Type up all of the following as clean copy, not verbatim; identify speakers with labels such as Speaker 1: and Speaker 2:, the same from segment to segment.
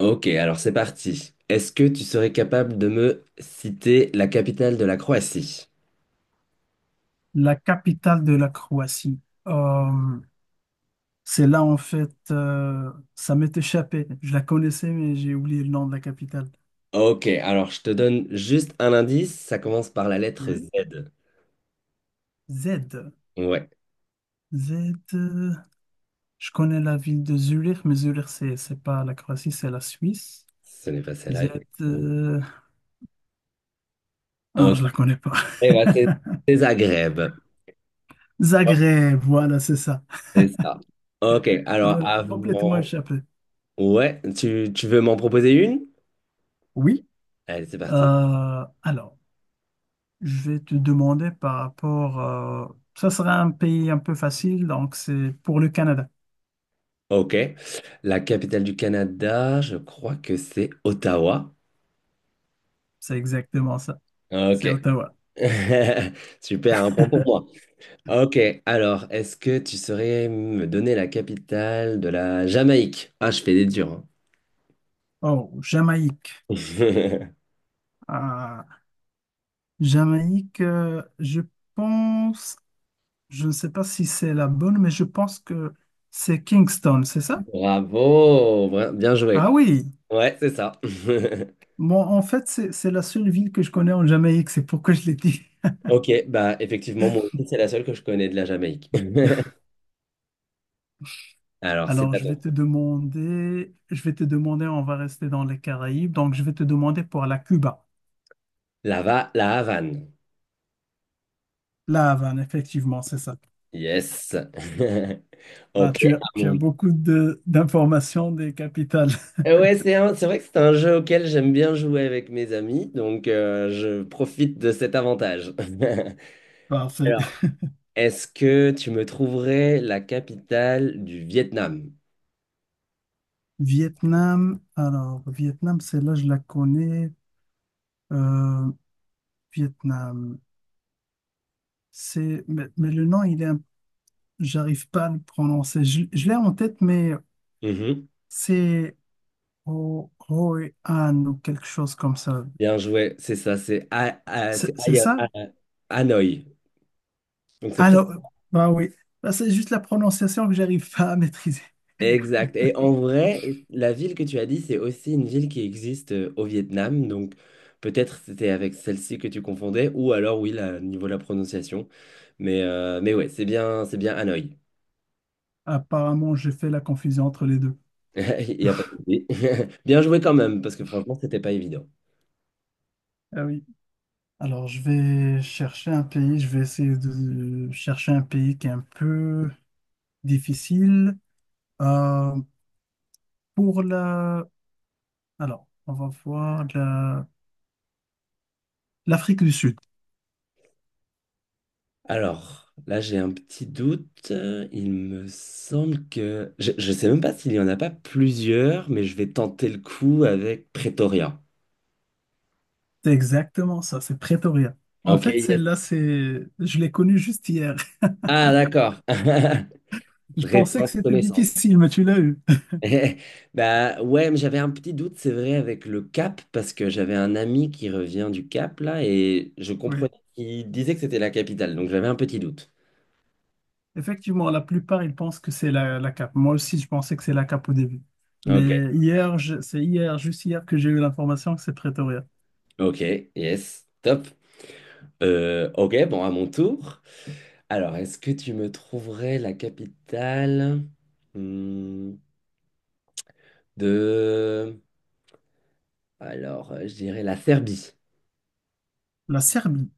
Speaker 1: Ok, alors c'est parti. Est-ce que tu serais capable de me citer la capitale de la Croatie?
Speaker 2: La capitale de la Croatie. Euh, c'est là, en fait, ça m'est échappé. Je la connaissais, mais j'ai oublié le nom de la capitale.
Speaker 1: Ok, alors je te donne juste un indice, ça commence par la lettre
Speaker 2: Oui.
Speaker 1: Z.
Speaker 2: Z.
Speaker 1: Ouais,
Speaker 2: Z. Je connais la ville de Zurich, mais Zurich, c'est pas la Croatie, c'est la Suisse.
Speaker 1: ce n'est pas celle-là,
Speaker 2: Z.
Speaker 1: effectivement.
Speaker 2: euh, Ah,
Speaker 1: Ok,
Speaker 2: je la connais pas.
Speaker 1: eh ben, c'est Zagreb. Ouais,
Speaker 2: Zagreb, voilà, c'est ça.
Speaker 1: c'est ça. Ok,
Speaker 2: Ça m'a
Speaker 1: alors
Speaker 2: complètement
Speaker 1: avant...
Speaker 2: échappé.
Speaker 1: Ouais, tu veux m'en proposer une?
Speaker 2: Oui.
Speaker 1: Allez, c'est parti.
Speaker 2: Alors, je vais te demander par rapport. Ça sera un pays un peu facile, donc c'est pour le Canada.
Speaker 1: Ok, la capitale du Canada, je crois que c'est Ottawa.
Speaker 2: C'est exactement ça.
Speaker 1: Ok.
Speaker 2: C'est Ottawa.
Speaker 1: Super, un point pour moi. Ok, alors, est-ce que tu saurais me donner la capitale de la Jamaïque? Ah, je fais des durs,
Speaker 2: Oh, Jamaïque.
Speaker 1: hein.
Speaker 2: Ah, Jamaïque, je pense, je ne sais pas si c'est la bonne, mais je pense que c'est Kingston, c'est ça?
Speaker 1: Bravo, bien joué.
Speaker 2: Ah oui.
Speaker 1: Ouais, c'est ça.
Speaker 2: Bon, en fait, c'est la seule ville que je connais en Jamaïque, c'est pourquoi je l'ai dit.
Speaker 1: Ok, bah effectivement, moi aussi, c'est la seule que je connais de la Jamaïque. Alors, c'est
Speaker 2: Alors,
Speaker 1: à
Speaker 2: je
Speaker 1: ton
Speaker 2: vais te
Speaker 1: tour.
Speaker 2: demander, je vais te demander, on va rester dans les Caraïbes, donc je vais te demander pour la Cuba.
Speaker 1: La, la Havane.
Speaker 2: La Havane, effectivement, c'est ça.
Speaker 1: Yes.
Speaker 2: Bah,
Speaker 1: Ok,
Speaker 2: tu as, tu as beaucoup de- d'informations des capitales.
Speaker 1: Ouais, c'est vrai que c'est un jeu auquel j'aime bien jouer avec mes amis, donc je profite de cet avantage.
Speaker 2: Parfait.
Speaker 1: Est-ce que tu me trouverais la capitale du Vietnam?
Speaker 2: Vietnam, alors Vietnam, celle-là, je la connais. Euh, Vietnam, c'est, mais le nom, il est, un- j'arrive pas à le prononcer. Je l'ai en tête, mais
Speaker 1: Mhm.
Speaker 2: c'est Ho Hoi An ou quelque chose comme ça.
Speaker 1: Bien joué, c'est ça, c'est
Speaker 2: C'est
Speaker 1: Hanoï.
Speaker 2: ça?
Speaker 1: Hanoï. Donc c'est
Speaker 2: Ah
Speaker 1: presque
Speaker 2: non, bah oui. Bah, c'est juste la prononciation que j'arrive pas à maîtriser.
Speaker 1: exact. Et en vrai, la ville que tu as dit, c'est aussi une ville qui existe au Vietnam. Donc peut-être c'était avec celle-ci que tu confondais, ou alors oui, là, au niveau de la prononciation. Mais ouais, c'est bien Hanoï.
Speaker 2: Apparemment, j'ai fait la confusion entre les deux.
Speaker 1: Il n'y a pas de souci. Bien joué quand même, parce que franchement, c'était pas évident.
Speaker 2: Ah oui. Alors, je vais chercher un pays, je vais essayer de chercher un pays qui est un peu difficile. Euh, pour la... Alors, on va voir la... l'Afrique du Sud.
Speaker 1: Alors, là, j'ai un petit doute. Il me semble que... Je ne sais même pas s'il y en a pas plusieurs, mais je vais tenter le coup avec Pretoria.
Speaker 2: C'est exactement ça, c'est Pretoria. En
Speaker 1: Ok,
Speaker 2: fait,
Speaker 1: yes.
Speaker 2: celle-là, c'est... je l'ai connue juste hier.
Speaker 1: Ah, d'accord.
Speaker 2: Je pensais que
Speaker 1: Récente
Speaker 2: c'était
Speaker 1: connaissance.
Speaker 2: difficile, mais tu l'as eu.
Speaker 1: Eh, bah ouais, mais j'avais un petit doute, c'est vrai, avec le Cap, parce que j'avais un ami qui revient du Cap, là, et je
Speaker 2: Oui,
Speaker 1: comprenais qu'il disait que c'était la capitale, donc j'avais un petit doute.
Speaker 2: effectivement, la plupart, ils pensent que c'est la cape. Moi aussi, je pensais que c'est la cape au début.
Speaker 1: Ok,
Speaker 2: Mais hier, je- c'est hier, juste hier, que j'ai eu l'information que c'est Pretoria.
Speaker 1: ok, yes, top. Ok, bon, à mon tour. Alors, est-ce que tu me trouverais la capitale, hmm, de... Alors, je dirais la Serbie.
Speaker 2: La Serbie,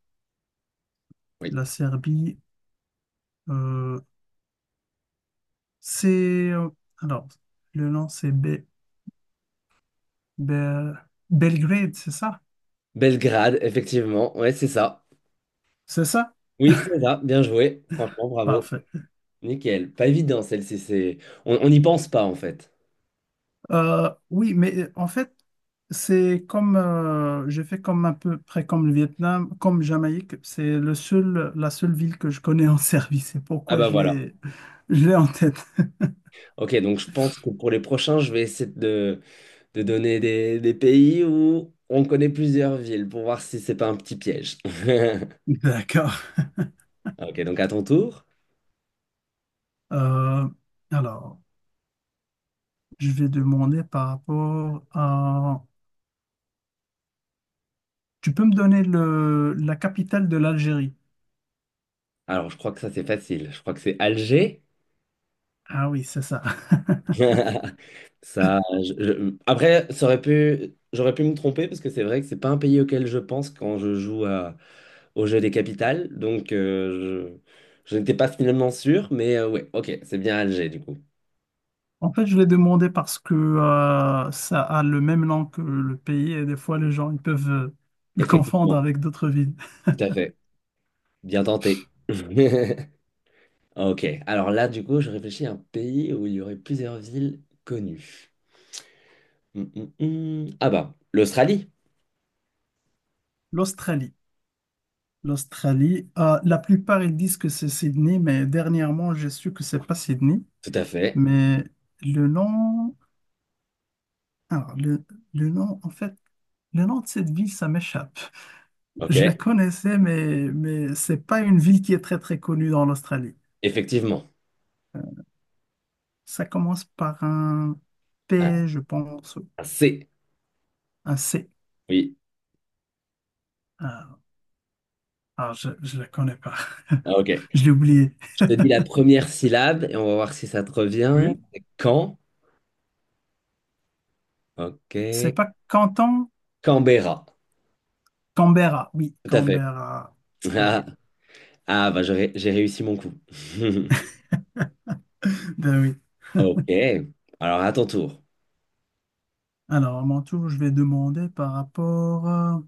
Speaker 1: Oui.
Speaker 2: la Serbie, euh, c'est... Alors, le nom, c'est Be- Be- Belgrade, c'est ça?
Speaker 1: Belgrade, effectivement. Ouais, c'est ça.
Speaker 2: C'est ça?
Speaker 1: Oui, c'est ça. Bien joué. Franchement, bravo.
Speaker 2: Parfait.
Speaker 1: Nickel. Pas évident, celle-ci. C'est... On n'y pense pas, en fait.
Speaker 2: Oui, mais en fait, c'est comme, j'ai fait comme un peu près comme le Vietnam, comme Jamaïque, c'est le seul, la seule ville que je connais en Serbie. C'est
Speaker 1: Ah
Speaker 2: pourquoi
Speaker 1: bah voilà.
Speaker 2: je l'ai en tête.
Speaker 1: Ok, donc je pense que pour les prochains, je vais essayer de donner des pays où on connaît plusieurs villes pour voir si c'est pas un petit piège.
Speaker 2: D'accord.
Speaker 1: Ok, donc à ton tour.
Speaker 2: Euh, alors, je vais demander par rapport à... Tu peux me donner le, la capitale de l'Algérie?
Speaker 1: Alors, je crois que ça, c'est facile. Je crois que c'est Alger.
Speaker 2: Ah oui, c'est ça.
Speaker 1: Ça, après, ça aurait pu... j'aurais pu me tromper parce que c'est vrai que c'est pas un pays auquel je pense quand je joue à... au jeu des capitales. Donc, je n'étais pas finalement sûr, mais ouais, ok, c'est bien Alger du coup.
Speaker 2: En fait, je l'ai demandé parce que ça a le même nom que le pays et des fois les gens ils peuvent le confondre
Speaker 1: Effectivement,
Speaker 2: avec d'autres villes.
Speaker 1: tout à fait. Bien tenté. Ok, alors là, du coup, je réfléchis à un pays où il y aurait plusieurs villes connues. Ah bah, l'Australie.
Speaker 2: L'Australie. L'Australie, la plupart ils disent que c'est Sydney, mais dernièrement j'ai su que c'est pas Sydney.
Speaker 1: Tout à fait.
Speaker 2: Mais le nom, alors le nom, en fait, le nom de cette ville, ça m'échappe.
Speaker 1: Ok,
Speaker 2: Je la connaissais, mais c'est pas une ville qui est très très connue dans l'Australie.
Speaker 1: effectivement.
Speaker 2: Ça commence par un
Speaker 1: Ah,
Speaker 2: P, je pense,
Speaker 1: c'est.
Speaker 2: un C.
Speaker 1: Oui.
Speaker 2: Ah, je ne la connais pas.
Speaker 1: Ah, ok.
Speaker 2: Je l'ai oublié.
Speaker 1: Je te dis la première syllabe et on va voir si ça te revient.
Speaker 2: Oui.
Speaker 1: Quand? Ok.
Speaker 2: C'est pas Canton,
Speaker 1: Canberra.
Speaker 2: Canberra. Oui,
Speaker 1: Tout à fait.
Speaker 2: Canberra. Oui.
Speaker 1: Ah, ah, j'ai réussi mon coup.
Speaker 2: Ben oui.
Speaker 1: Ok. Alors à ton tour.
Speaker 2: Alors, à mon tour, je vais demander par rapport.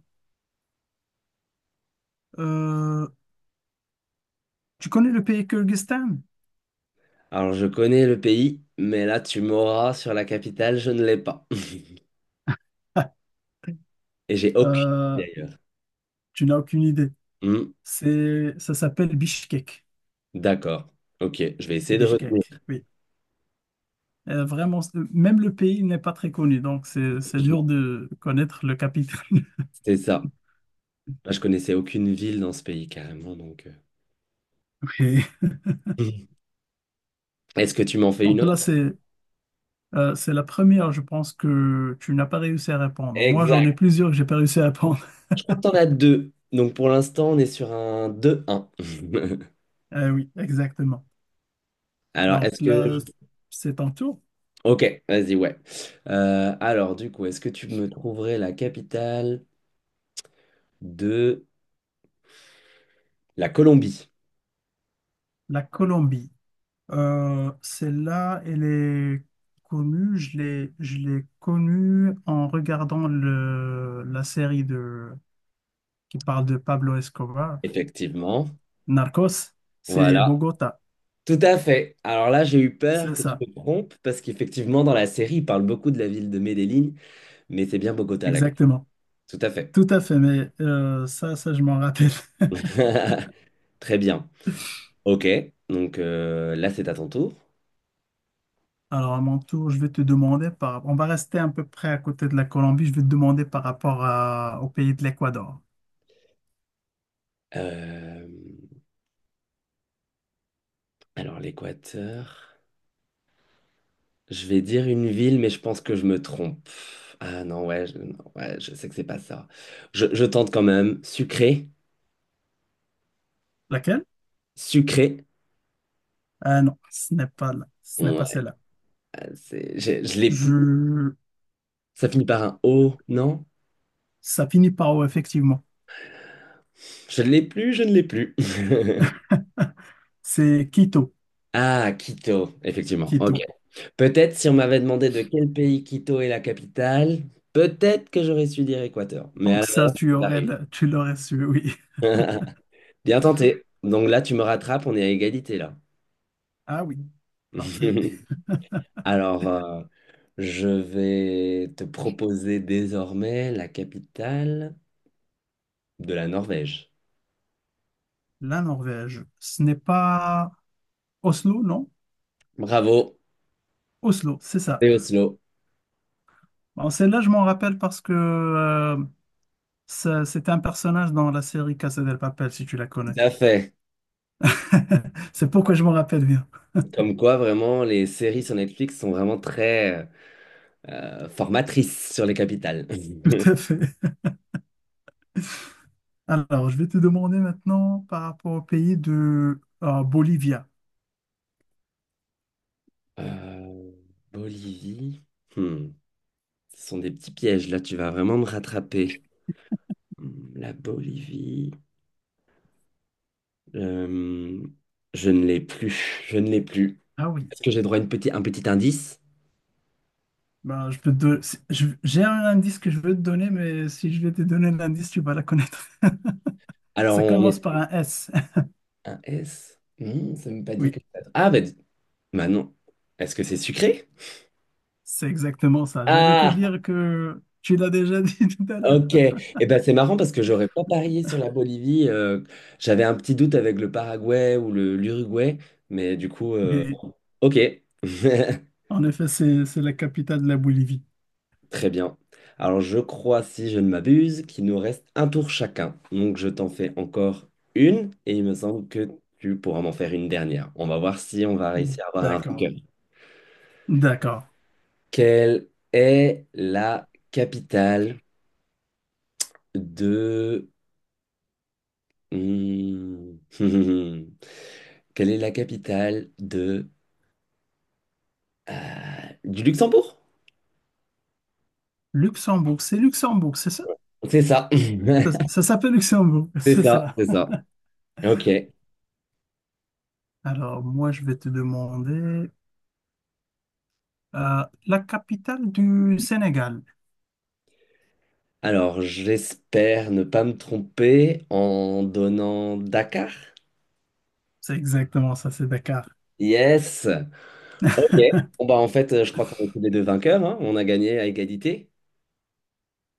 Speaker 2: euh, Tu connais le pays Kyrgyzstan?
Speaker 1: Alors je connais le pays, mais là tu m'auras sur la capitale, je ne l'ai pas. Et j'ai aucune
Speaker 2: euh,
Speaker 1: idée, d'ailleurs.
Speaker 2: Tu n'as aucune idée.
Speaker 1: Hmm,
Speaker 2: C'est, ça s'appelle Bishkek.
Speaker 1: d'accord. Ok, je vais essayer de retenir.
Speaker 2: Bishkek, oui. Vraiment, c'est- même le pays n'est pas très connu, donc c'est dur
Speaker 1: Effectivement.
Speaker 2: de connaître le capital.
Speaker 1: C'est ça. Moi, je connaissais aucune ville dans ce pays carrément, donc,
Speaker 2: Ok.
Speaker 1: euh. Est-ce que tu m'en fais une
Speaker 2: Donc là,
Speaker 1: autre?
Speaker 2: c'est la première, je pense, que tu n'as pas réussi à répondre. Moi, j'en ai
Speaker 1: Exact.
Speaker 2: plusieurs que j'ai pas réussi à répondre.
Speaker 1: Je crois que t'en as deux. Donc pour l'instant, on est sur un deux un.
Speaker 2: Ah oui, exactement.
Speaker 1: Alors,
Speaker 2: Donc
Speaker 1: est-ce que...
Speaker 2: là, c'est ton tour.
Speaker 1: Ok, vas-y, ouais. Alors, du coup, est-ce que tu me trouverais la capitale de la Colombie?
Speaker 2: La Colombie. Celle-là, elle est connue. Je l'ai connue en regardant le, la série de, qui parle de Pablo Escobar,
Speaker 1: Effectivement.
Speaker 2: Narcos. C'est
Speaker 1: Voilà.
Speaker 2: Bogota.
Speaker 1: Tout à fait. Alors là, j'ai eu peur
Speaker 2: C'est
Speaker 1: que tu
Speaker 2: ça,
Speaker 1: te trompes parce qu'effectivement, dans la série, il parle beaucoup de la ville de Medellín, mais c'est bien Bogota, là.
Speaker 2: exactement.
Speaker 1: Tout à fait.
Speaker 2: Tout à fait, mais ça, ça, je m'en rappelle.
Speaker 1: Très bien. Ok. Donc là, c'est à ton tour.
Speaker 2: Alors, à mon tour, je vais te demander par... On va rester à peu près à côté de la Colombie. Je vais te demander par rapport à- au pays de l'Équateur.
Speaker 1: Euh, Alors, l'Équateur. Je vais dire une ville, mais je pense que je me trompe. Ah non, non, ouais, je sais que c'est pas ça. Je tente quand même. Sucré.
Speaker 2: Laquelle?
Speaker 1: Sucré.
Speaker 2: Ah non, ce n'est pas là. Ce n'est pas
Speaker 1: Ouais,
Speaker 2: celle-là.
Speaker 1: je l'ai plus.
Speaker 2: Je...
Speaker 1: Ça finit par un O, non?
Speaker 2: Ça finit par O, effectivement.
Speaker 1: Je ne l'ai plus, je ne l'ai plus.
Speaker 2: C'est Quito.
Speaker 1: Ah, Quito, effectivement. Ok.
Speaker 2: Quito.
Speaker 1: Peut-être si on m'avait demandé de quel pays Quito est la capitale, peut-être que j'aurais su dire Équateur. Mais à
Speaker 2: Donc
Speaker 1: la
Speaker 2: ça,
Speaker 1: base,
Speaker 2: tu
Speaker 1: t'as
Speaker 2: aurais,
Speaker 1: réussi.
Speaker 2: le- tu l'aurais su, oui.
Speaker 1: Bien tenté. Donc là, tu me rattrapes, on est à égalité là.
Speaker 2: Ah oui, parfait.
Speaker 1: Alors, je vais te proposer désormais la capitale de la Norvège.
Speaker 2: La Norvège, ce n'est pas Oslo, non?
Speaker 1: Bravo,
Speaker 2: Oslo, c'est ça.
Speaker 1: c'est Oslo.
Speaker 2: Bon, celle-là, je m'en rappelle parce que ça- c'était un personnage dans la série Casa del Papel, si tu la
Speaker 1: Tout
Speaker 2: connais.
Speaker 1: à fait.
Speaker 2: C'est pourquoi je m'en rappelle bien.
Speaker 1: Comme quoi, vraiment, les séries sur Netflix sont vraiment très formatrices sur les capitales.
Speaker 2: Tout à fait. Alors, je vais te demander maintenant par rapport au pays de Bolivia.
Speaker 1: Euh, Bolivie. Hmm. Ce sont des petits pièges, là, tu vas vraiment me rattraper. Hmm, la Bolivie. Euh, je ne l'ai plus. Je ne l'ai plus.
Speaker 2: Ah oui.
Speaker 1: Est-ce que j'ai droit à un petit indice?
Speaker 2: Ben, je peux te don- si- je- J'ai un indice que je veux te donner, mais si je vais te donner l'indice, tu vas la connaître.
Speaker 1: Alors,
Speaker 2: Ça
Speaker 1: on...
Speaker 2: commence par un S.
Speaker 1: Un S? Non, ça ne m'a pas dit
Speaker 2: Oui.
Speaker 1: que... Ah, bah non. Est-ce que c'est sucré?
Speaker 2: C'est exactement ça. J'allais te
Speaker 1: Ah,
Speaker 2: dire que tu l'as déjà dit tout à l'heure.
Speaker 1: ok. Eh ben, c'est marrant parce que j'aurais pas parié sur la Bolivie. J'avais un petit doute avec le Paraguay ou le l'Uruguay, mais du coup,
Speaker 2: Oui,
Speaker 1: ok.
Speaker 2: en effet, c'est la capitale de la Bolivie.
Speaker 1: Très bien. Alors, je crois, si je ne m'abuse, qu'il nous reste un tour chacun. Donc, je t'en fais encore une et il me semble que tu pourras m'en faire une dernière. On va voir si on va réussir à avoir un
Speaker 2: D'accord.
Speaker 1: vainqueur.
Speaker 2: D'accord.
Speaker 1: Quelle est la capitale de... Hmm. Quelle est la capitale de... du Luxembourg?
Speaker 2: Luxembourg, c'est ça?
Speaker 1: C'est ça.
Speaker 2: Ça s'appelle Luxembourg,
Speaker 1: C'est
Speaker 2: c'est
Speaker 1: ça,
Speaker 2: ça.
Speaker 1: c'est ça. Ok.
Speaker 2: Alors, moi, je vais te demander la capitale du Sénégal.
Speaker 1: Alors, j'espère ne pas me tromper en donnant Dakar.
Speaker 2: C'est exactement ça, c'est Dakar.
Speaker 1: Yes. Ok. Bon, bah, en fait, je crois qu'on est tous les deux vainqueurs, hein. On a gagné à égalité.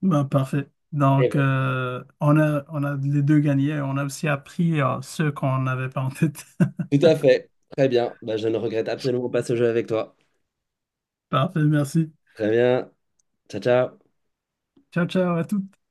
Speaker 2: Ben, parfait.
Speaker 1: Eh
Speaker 2: Donc,
Speaker 1: ben,
Speaker 2: on a les deux gagnés. On a aussi appris ceux qu'on n'avait pas en tête.
Speaker 1: tout à fait. Très bien. Bah, je ne regrette absolument pas ce jeu avec toi.
Speaker 2: Parfait, merci.
Speaker 1: Très bien. Ciao, ciao.
Speaker 2: Ciao, ciao à toutes.